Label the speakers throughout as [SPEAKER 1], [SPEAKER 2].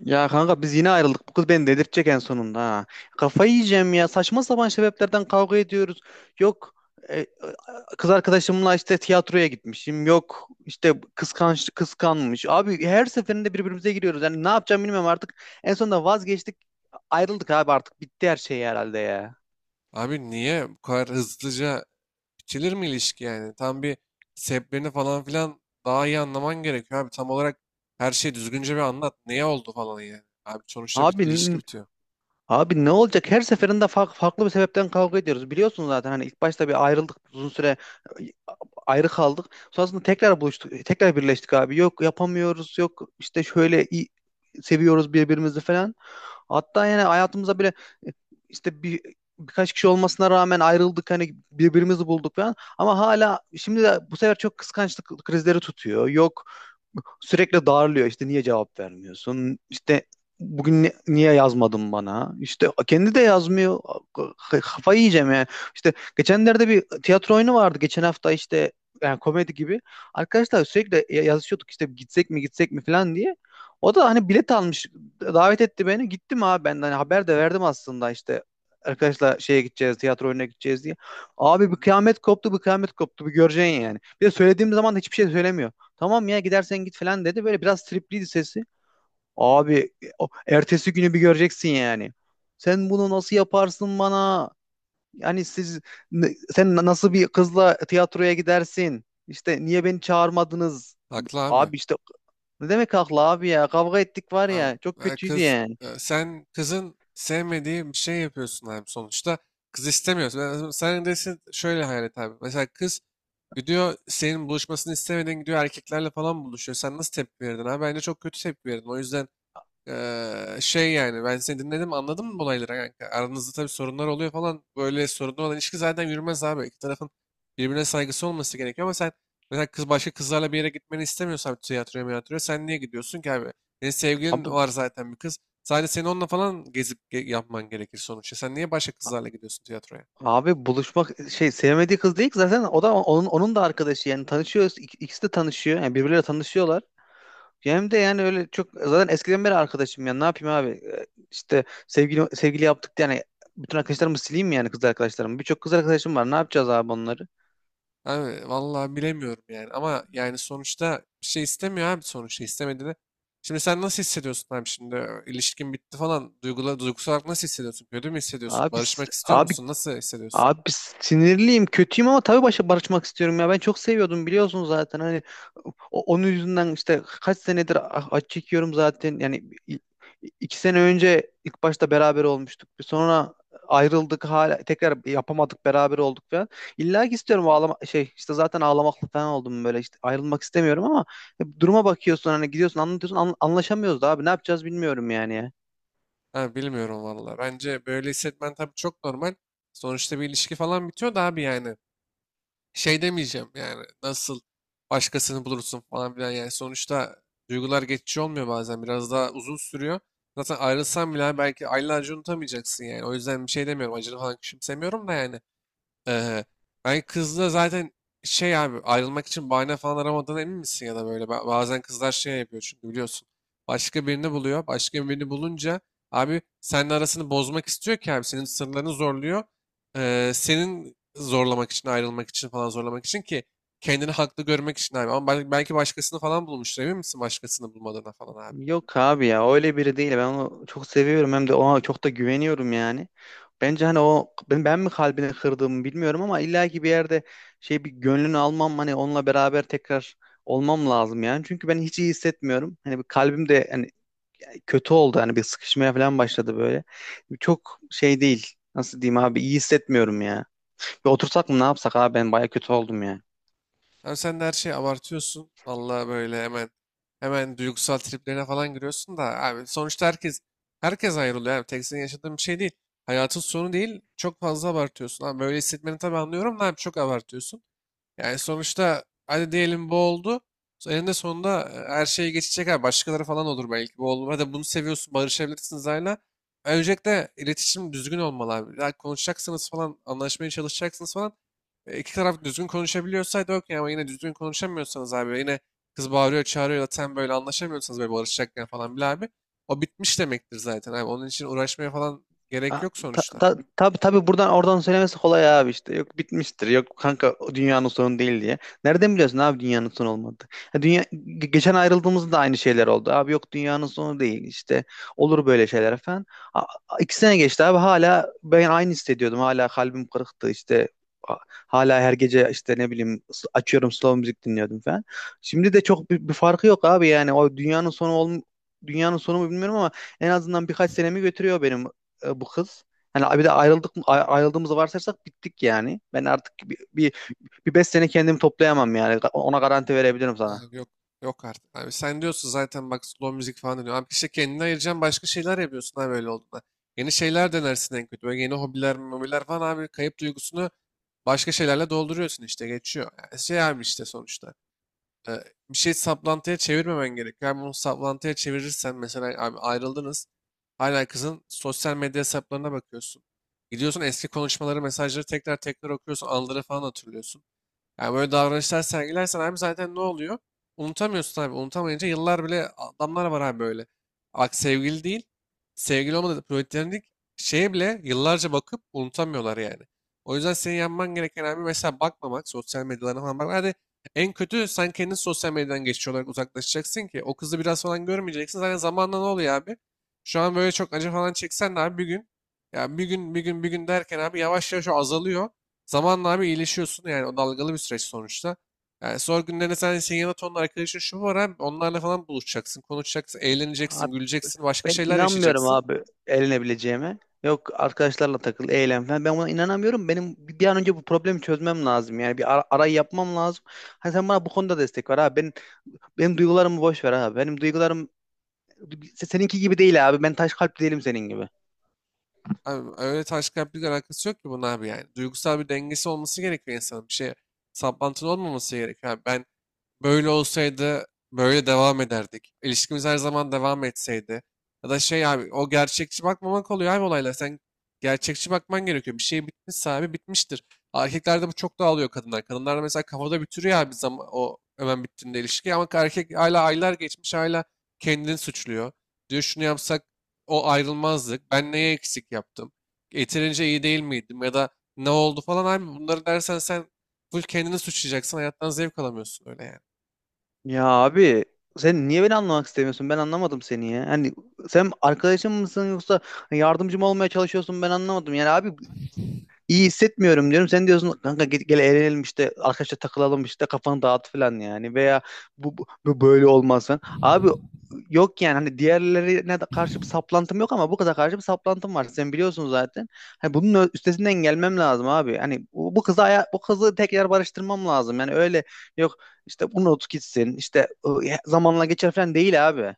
[SPEAKER 1] Ya kanka biz yine ayrıldık. Bu kız beni delirtecek en sonunda ha. Kafayı yiyeceğim ya. Saçma sapan sebeplerden kavga ediyoruz. Yok. e, e, Kız arkadaşımla işte tiyatroya gitmişim. Yok işte kıskanç kıskanmış. Abi her seferinde birbirimize giriyoruz. Yani ne yapacağım bilmiyorum artık. En sonunda vazgeçtik. Ayrıldık abi artık. Bitti her şey herhalde ya.
[SPEAKER 2] Abi niye bu kadar hızlıca bitirir mi ilişki yani? Tam bir sebeplerini falan filan daha iyi anlaman gerekiyor abi. Tam olarak her şeyi düzgünce bir anlat. Neye oldu falan yani. Abi sonuçta bir
[SPEAKER 1] Abi
[SPEAKER 2] ilişki
[SPEAKER 1] n-
[SPEAKER 2] bitiyor.
[SPEAKER 1] abi ne olacak? Her seferinde farklı bir sebepten kavga ediyoruz. Biliyorsun zaten hani ilk başta bir ayrıldık, uzun süre ayrı kaldık. Sonrasında tekrar buluştuk. Tekrar birleştik abi. Yok, yapamıyoruz. Yok işte şöyle, iyi, seviyoruz birbirimizi falan. Hatta yani hayatımıza bile e, işte birkaç kişi olmasına rağmen ayrıldık, hani birbirimizi bulduk falan, ama hala şimdi de bu sefer çok kıskançlık krizleri tutuyor. Yok, sürekli darlıyor işte, niye cevap vermiyorsun işte, bugün niye yazmadın bana işte, kendi de yazmıyor. Kafayı yiyeceğim yani. İşte geçenlerde bir tiyatro oyunu vardı, geçen hafta işte, yani komedi gibi. Arkadaşlar sürekli yazışıyorduk işte, gitsek mi gitsek mi falan diye. O da hani bilet almış, davet etti beni, gittim abi. Ben de hani haber de verdim aslında işte, arkadaşlar şeye gideceğiz, tiyatro oyununa gideceğiz diye. Abi bir kıyamet koptu, bir kıyamet koptu, bir göreceksin yani. Bir de söylediğim zaman da hiçbir şey söylemiyor. Tamam ya, gidersen git falan dedi. Böyle biraz tripliydi sesi. Abi ertesi günü bir göreceksin yani. Sen bunu nasıl yaparsın bana? Yani siz ne- sen na- nasıl bir kızla tiyatroya gidersin? İşte niye beni çağırmadınız?
[SPEAKER 2] Haklı abi.
[SPEAKER 1] Abi işte ne demek haklı abi ya? Kavga ettik var
[SPEAKER 2] Abi
[SPEAKER 1] ya. Çok kötüydü
[SPEAKER 2] kız
[SPEAKER 1] yani.
[SPEAKER 2] sen kızın sevmediği bir şey yapıyorsun abi sonuçta. Kız istemiyorsun. Yani sen desin şöyle hayal et abi. Mesela kız gidiyor senin buluşmasını istemeden gidiyor erkeklerle falan buluşuyor. Sen nasıl tepki verirdin abi? Bence çok kötü tepki verirdin. O yüzden şey yani ben seni dinledim, anladım mı olayları kanka? Aranızda tabii sorunlar oluyor falan. Böyle sorunlu olan ilişki zaten yürümez abi. İki tarafın birbirine saygısı olması gerekiyor ama sen mesela kız başka kızlarla bir yere gitmeni istemiyorsan tiyatroya miyatroya sen niye gidiyorsun ki abi? Senin
[SPEAKER 1] Abi
[SPEAKER 2] sevgilin var zaten bir kız. Sadece senin onunla falan gezip yapman gerekir sonuçta. Sen niye başka kızlarla gidiyorsun tiyatroya?
[SPEAKER 1] abi buluşmak, şey, sevmediği kız değil ki zaten, o da onun da arkadaşı, yani tanışıyoruz. İkisi de tanışıyor. Yani birbirleriyle tanışıyorlar. Hem de yani öyle çok, zaten eskiden beri arkadaşım ya, ne yapayım abi? İşte sevgili sevgili yaptık diye yani bütün arkadaşlarımı sileyim mi yani? Kız arkadaşlarımı, birçok kız arkadaşım var, ne yapacağız abi onları?
[SPEAKER 2] Abi vallahi bilemiyorum yani ama yani sonuçta bir şey istemiyor abi sonuçta istemediğini. Şimdi sen nasıl hissediyorsun abi şimdi ilişkin bitti falan duygusal olarak nasıl hissediyorsun? Kötü mü hissediyorsun?
[SPEAKER 1] abi
[SPEAKER 2] Barışmak
[SPEAKER 1] s-
[SPEAKER 2] istiyor
[SPEAKER 1] abi
[SPEAKER 2] musun? Nasıl hissediyorsun?
[SPEAKER 1] Abi sinirliyim, kötüyüm, ama tabii başa barışmak istiyorum ya. Ben çok seviyordum, biliyorsun zaten. Hani onun yüzünden işte kaç senedir acı çekiyorum zaten. Yani i- iki sene önce ilk başta beraber olmuştuk. Sonra ayrıldık, hala tekrar yapamadık, beraber olduk falan. İlla ki istiyorum, ağlama şey işte, zaten ağlamaklı falan oldum böyle işte, ayrılmak istemiyorum, ama duruma bakıyorsun hani, gidiyorsun anlatıyorsun, anlaşamıyoruz da abi, ne yapacağız bilmiyorum yani ya.
[SPEAKER 2] Ha, bilmiyorum vallahi. Bence böyle hissetmen tabii çok normal. Sonuçta bir ilişki falan bitiyor da abi yani. Şey demeyeceğim yani nasıl başkasını bulursun falan filan yani sonuçta duygular geçici olmuyor, bazen biraz daha uzun sürüyor. Zaten ayrılsan bile hani, belki aylarca unutamayacaksın yani. O yüzden bir şey demiyorum. Acını falan küçümsemiyorum da yani. Ee, ben kızla zaten şey abi ayrılmak için bahane falan aramadığına emin misin ya da böyle bazen kızlar şey yapıyor çünkü biliyorsun başka birini buluyor, başka birini bulunca abi seninle arasını bozmak istiyor ki abi senin sırlarını zorluyor. Senin zorlamak için, ayrılmak için falan zorlamak için ki kendini haklı görmek için abi ama belki başkasını falan bulmuştur, emin misin başkasını bulmadığına falan abi.
[SPEAKER 1] Yok abi ya, öyle biri değil. Ben onu çok seviyorum, hem de ona çok da güveniyorum yani. Bence hani o ben mi kalbini kırdığımı bilmiyorum, ama illaki bir yerde şey, bir gönlünü almam, hani onunla beraber tekrar olmam lazım yani. Çünkü ben hiç iyi hissetmiyorum. Hani bir kalbim de hani kötü oldu, hani bir sıkışmaya falan başladı böyle. Çok şey değil. Nasıl diyeyim abi, iyi hissetmiyorum ya. Bir otursak mı, ne yapsak abi, ben baya kötü oldum ya.
[SPEAKER 2] Abi sen de her şeyi abartıyorsun. Vallahi böyle hemen duygusal triplerine falan giriyorsun da abi sonuçta herkes ayrılıyor abi. Tek senin yaşadığın bir şey değil. Hayatın sonu değil. Çok fazla abartıyorsun. Abi böyle hissetmeni tabii anlıyorum da abi çok abartıyorsun. Yani sonuçta hadi diyelim bu oldu. So, eninde sonunda her şey geçecek. Ha, başkaları falan olur belki. Bu olur. Hadi bunu seviyorsun. Barışabilirsiniz hala. Öncelikle iletişim düzgün olmalı abi. Ya konuşacaksınız falan. Anlaşmaya çalışacaksınız falan. E, iki taraf düzgün konuşabiliyorsaydı okey ama yine düzgün konuşamıyorsanız abi. Yine kız bağırıyor çağırıyor ya da zaten böyle anlaşamıyorsanız böyle barışacakken falan bile abi. O bitmiş demektir zaten abi. Onun için uğraşmaya falan gerek
[SPEAKER 1] A-
[SPEAKER 2] yok
[SPEAKER 1] Ta,
[SPEAKER 2] sonuçta.
[SPEAKER 1] ta, tabii tabii, buradan oradan söylemesi kolay abi işte. Yok bitmiştir, yok kanka o dünyanın sonu değil diye. Nereden biliyorsun abi dünyanın sonu olmadı? Ha, dünya geçen ayrıldığımızda da aynı şeyler oldu. Abi yok dünyanın sonu değil işte, olur böyle şeyler falan. A, a- iki sene geçti abi, hala ben aynı hissediyordum. Hala kalbim kırıktı işte. A- Hala her gece işte, ne bileyim, açıyorum slow müzik dinliyordum falan. Şimdi de çok bir farkı yok abi. Yani o dünyanın sonu mu bilmiyorum, ama en azından birkaç senemi götürüyor benim, bu kız. Hani bir de ayrıldığımızı varsayarsak bittik yani. Ben artık bir, bir, bir beş sene kendimi toplayamam yani. Ona garanti verebilirim sana.
[SPEAKER 2] Abi yok. Yok artık. Abi sen diyorsun zaten bak slow müzik falan diyor. Abi işte kendini ayıracaksın, başka şeyler yapıyorsun abi öyle olduğunda. Yeni şeyler denersin en kötü. Böyle yeni hobiler, mobiler falan abi kayıp duygusunu başka şeylerle dolduruyorsun, işte geçiyor. Yani şey abi işte sonuçta. e, Bir şey saplantıya çevirmemen gerekiyor. Yani bunu saplantıya çevirirsen mesela abi ayrıldınız. Hala kızın sosyal medya hesaplarına bakıyorsun. Gidiyorsun eski konuşmaları, mesajları tekrar tekrar okuyorsun. Anıları falan hatırlıyorsun. Yani böyle davranışlar sergilersen abi zaten ne oluyor? Unutamıyorsun abi. Unutamayınca yıllar bile adamlar var abi böyle. Bak sevgili değil. Sevgili olmadı. Platonik şeye bile yıllarca bakıp unutamıyorlar yani. O yüzden senin yapman gereken abi mesela bakmamak. Sosyal medyalarına falan bak. Hadi en kötü sen kendin sosyal medyadan geçici olarak uzaklaşacaksın ki o kızı biraz falan görmeyeceksin. Zaten zamanla ne oluyor abi? Şu an böyle çok acı falan çeksen de abi bir gün. Ya bir gün bir gün bir gün derken abi yavaş yavaş o azalıyor. Zamanla abi iyileşiyorsun yani o dalgalı bir süreç sonuçta. Yani sonra günlerinde sen senin yanında tonla arkadaşın şu var abi onlarla falan buluşacaksın, konuşacaksın, eğleneceksin,
[SPEAKER 1] Abi
[SPEAKER 2] güleceksin, başka
[SPEAKER 1] ben
[SPEAKER 2] şeyler
[SPEAKER 1] inanmıyorum
[SPEAKER 2] yaşayacaksın.
[SPEAKER 1] abi elinebileceğime. Yok arkadaşlarla takıl, eğlen falan, ben buna inanamıyorum. Benim bir an önce bu problemi çözmem lazım. Yani bir arayı yapmam lazım. Hani sen bana bu konuda destek ver abi. Benim duygularımı boş ver abi. Benim duygularım seninki gibi değil abi. Ben taş kalpli değilim senin gibi.
[SPEAKER 2] Abi öyle taş kalplilikle alakası yok ki bunun abi yani. Duygusal bir dengesi olması gerekiyor insanın. Bir şey saplantılı olmaması gerekiyor abi. Ben böyle olsaydı böyle devam ederdik. İlişkimiz her zaman devam etseydi. Ya da şey abi o gerçekçi bakmamak oluyor abi olaylar. Sen gerçekçi bakman gerekiyor. Bir şey bitmişse abi bitmiştir. Erkeklerde bu çok daha oluyor, kadınlar. Kadınlar mesela kafada bitiriyor abi zaman, o hemen bittiğinde ilişki. Ama erkek hala aylar geçmiş hala kendini suçluyor. Diyor şunu yapsak o ayrılmazlık, ben neye eksik yaptım, yeterince iyi değil miydim ya da ne oldu falan abi, bunları dersen sen full kendini suçlayacaksın, hayattan zevk alamıyorsun öyle yani.
[SPEAKER 1] Ya abi, sen niye beni anlamak istemiyorsun? Ben anlamadım seni ya. Hani sen arkadaşım mısın, yoksa yardımcım olmaya çalışıyorsun? Ben anlamadım. Yani abi, İyi hissetmiyorum diyorum. Sen diyorsun kanka gel, gel eğlenelim işte, arkadaşlar takılalım işte, kafanı dağıt falan yani, veya bu böyle olmaz falan. Abi yok yani, hani diğerlerine de karşı bir saplantım yok, ama bu kıza karşı bir saplantım var. Sen biliyorsun zaten. Hani bunun üstesinden gelmem lazım abi. Hani bu kızı tekrar barıştırmam lazım. Yani öyle yok işte, bunu unut gitsin işte, zamanla geçer falan değil abi.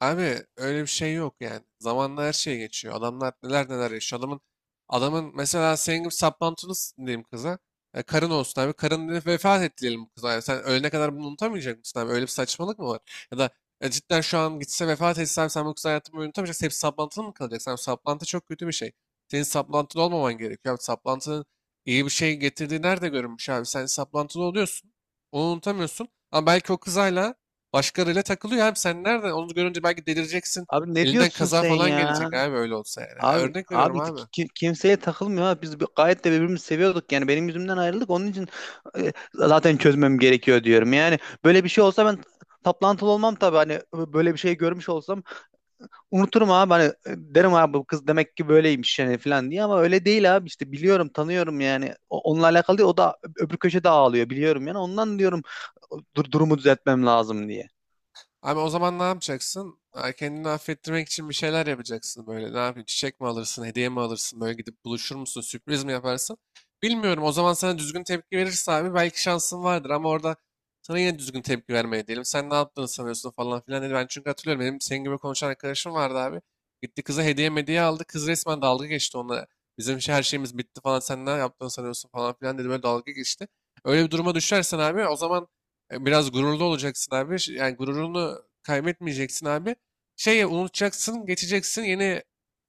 [SPEAKER 2] Abi öyle bir şey yok yani. Zamanla her şey geçiyor. Adamlar neler neler yaşıyor. Adamın mesela senin gibi saplantını diyeyim kıza. E, karın olsun abi. Karın dedi, vefat etti diyelim bu kıza. Yani sen ölene kadar bunu unutamayacak mısın abi? Öyle bir saçmalık mı var? Ya da cidden şu an gitse, vefat etse abi sen bu kızı hayatını boyu unutamayacaksın. Hep saplantılı mı kalacaksın? Abi, saplantı çok kötü bir şey. Senin saplantılı olmaman gerekiyor. Abi, saplantının iyi bir şey getirdiği nerede görünmüş abi? Sen saplantılı oluyorsun. Onu unutamıyorsun. Ama belki o kız hala başkalarıyla takılıyor abi, sen nereden? Onu görünce belki delireceksin.
[SPEAKER 1] Abi ne
[SPEAKER 2] Elinden
[SPEAKER 1] diyorsun
[SPEAKER 2] kaza
[SPEAKER 1] sen
[SPEAKER 2] falan
[SPEAKER 1] ya?
[SPEAKER 2] gelecek abi öyle olsa yani.
[SPEAKER 1] Abi
[SPEAKER 2] Örnek veriyorum
[SPEAKER 1] abi ki-
[SPEAKER 2] abi.
[SPEAKER 1] ki- kimseye takılmıyor ha. Biz gayet de birbirimizi seviyorduk. Yani benim yüzümden ayrıldık. Onun için zaten çözmem gerekiyor diyorum. Yani böyle bir şey olsa ben taplantılı olmam tabii. Hani böyle bir şey görmüş olsam unuturum abi. Hani derim abi, bu kız demek ki böyleymiş yani falan diye, ama öyle değil abi. İşte biliyorum, tanıyorum yani. Onunla alakalı değil. O da öbür köşede ağlıyor, biliyorum yani. Ondan diyorum durumu düzeltmem lazım diye.
[SPEAKER 2] Abi o zaman ne yapacaksın? Ha, kendini affettirmek için bir şeyler yapacaksın böyle. Ne yapayım? Çiçek mi alırsın? Hediye mi alırsın? Böyle gidip buluşur musun? Sürpriz mi yaparsın? Bilmiyorum. O zaman sana düzgün tepki verirse abi belki şansın vardır ama orada sana yine düzgün tepki vermeye diyelim. Sen ne yaptığını sanıyorsun falan filan dedi. Ben çünkü hatırlıyorum, benim senin gibi konuşan arkadaşım vardı abi. Gitti kıza hediye hediye aldı. Kız resmen dalga geçti onunla. Bizim şey, her şeyimiz bitti falan. Sen ne yaptığını sanıyorsun falan filan dedi. Böyle dalga geçti. Öyle bir duruma düşersen abi o zaman biraz gururlu olacaksın abi. Yani gururunu kaybetmeyeceksin abi. Şeyi unutacaksın, geçeceksin. Yeni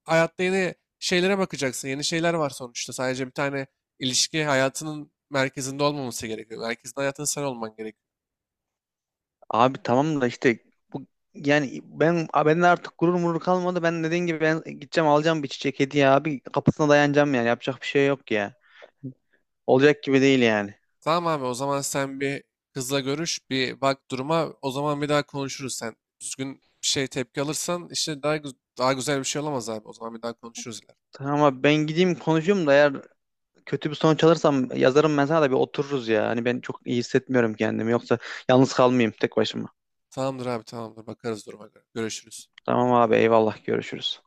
[SPEAKER 2] hayatta yeni şeylere bakacaksın. Yeni şeyler var sonuçta. Sadece bir tane ilişki hayatının merkezinde olmaması gerekiyor. Merkezinde hayatın sen olman gerekiyor.
[SPEAKER 1] Abi tamam da işte bu, yani ben bende artık gurur murur kalmadı. Ben dediğin gibi, ben gideceğim, alacağım bir çiçek, hediye abi, kapısına dayanacağım yani. Yapacak bir şey yok ya. Olacak gibi değil yani.
[SPEAKER 2] Tamam abi, o zaman sen bir kızla görüş, bir bak duruma. O zaman bir daha konuşuruz sen. Düzgün bir şey tepki alırsan işte daha daha güzel bir şey olamaz abi. O zaman bir daha konuşuruz ileride.
[SPEAKER 1] Tamam abi, ben gideyim konuşayım da, eğer kötü bir sonuç alırsam yazarım ben sana, da bir otururuz ya. Hani ben çok iyi hissetmiyorum kendimi, yoksa yalnız kalmayayım tek başıma.
[SPEAKER 2] Tamamdır abi, tamamdır. Bakarız duruma göre. Görüşürüz.
[SPEAKER 1] Tamam abi, eyvallah, görüşürüz.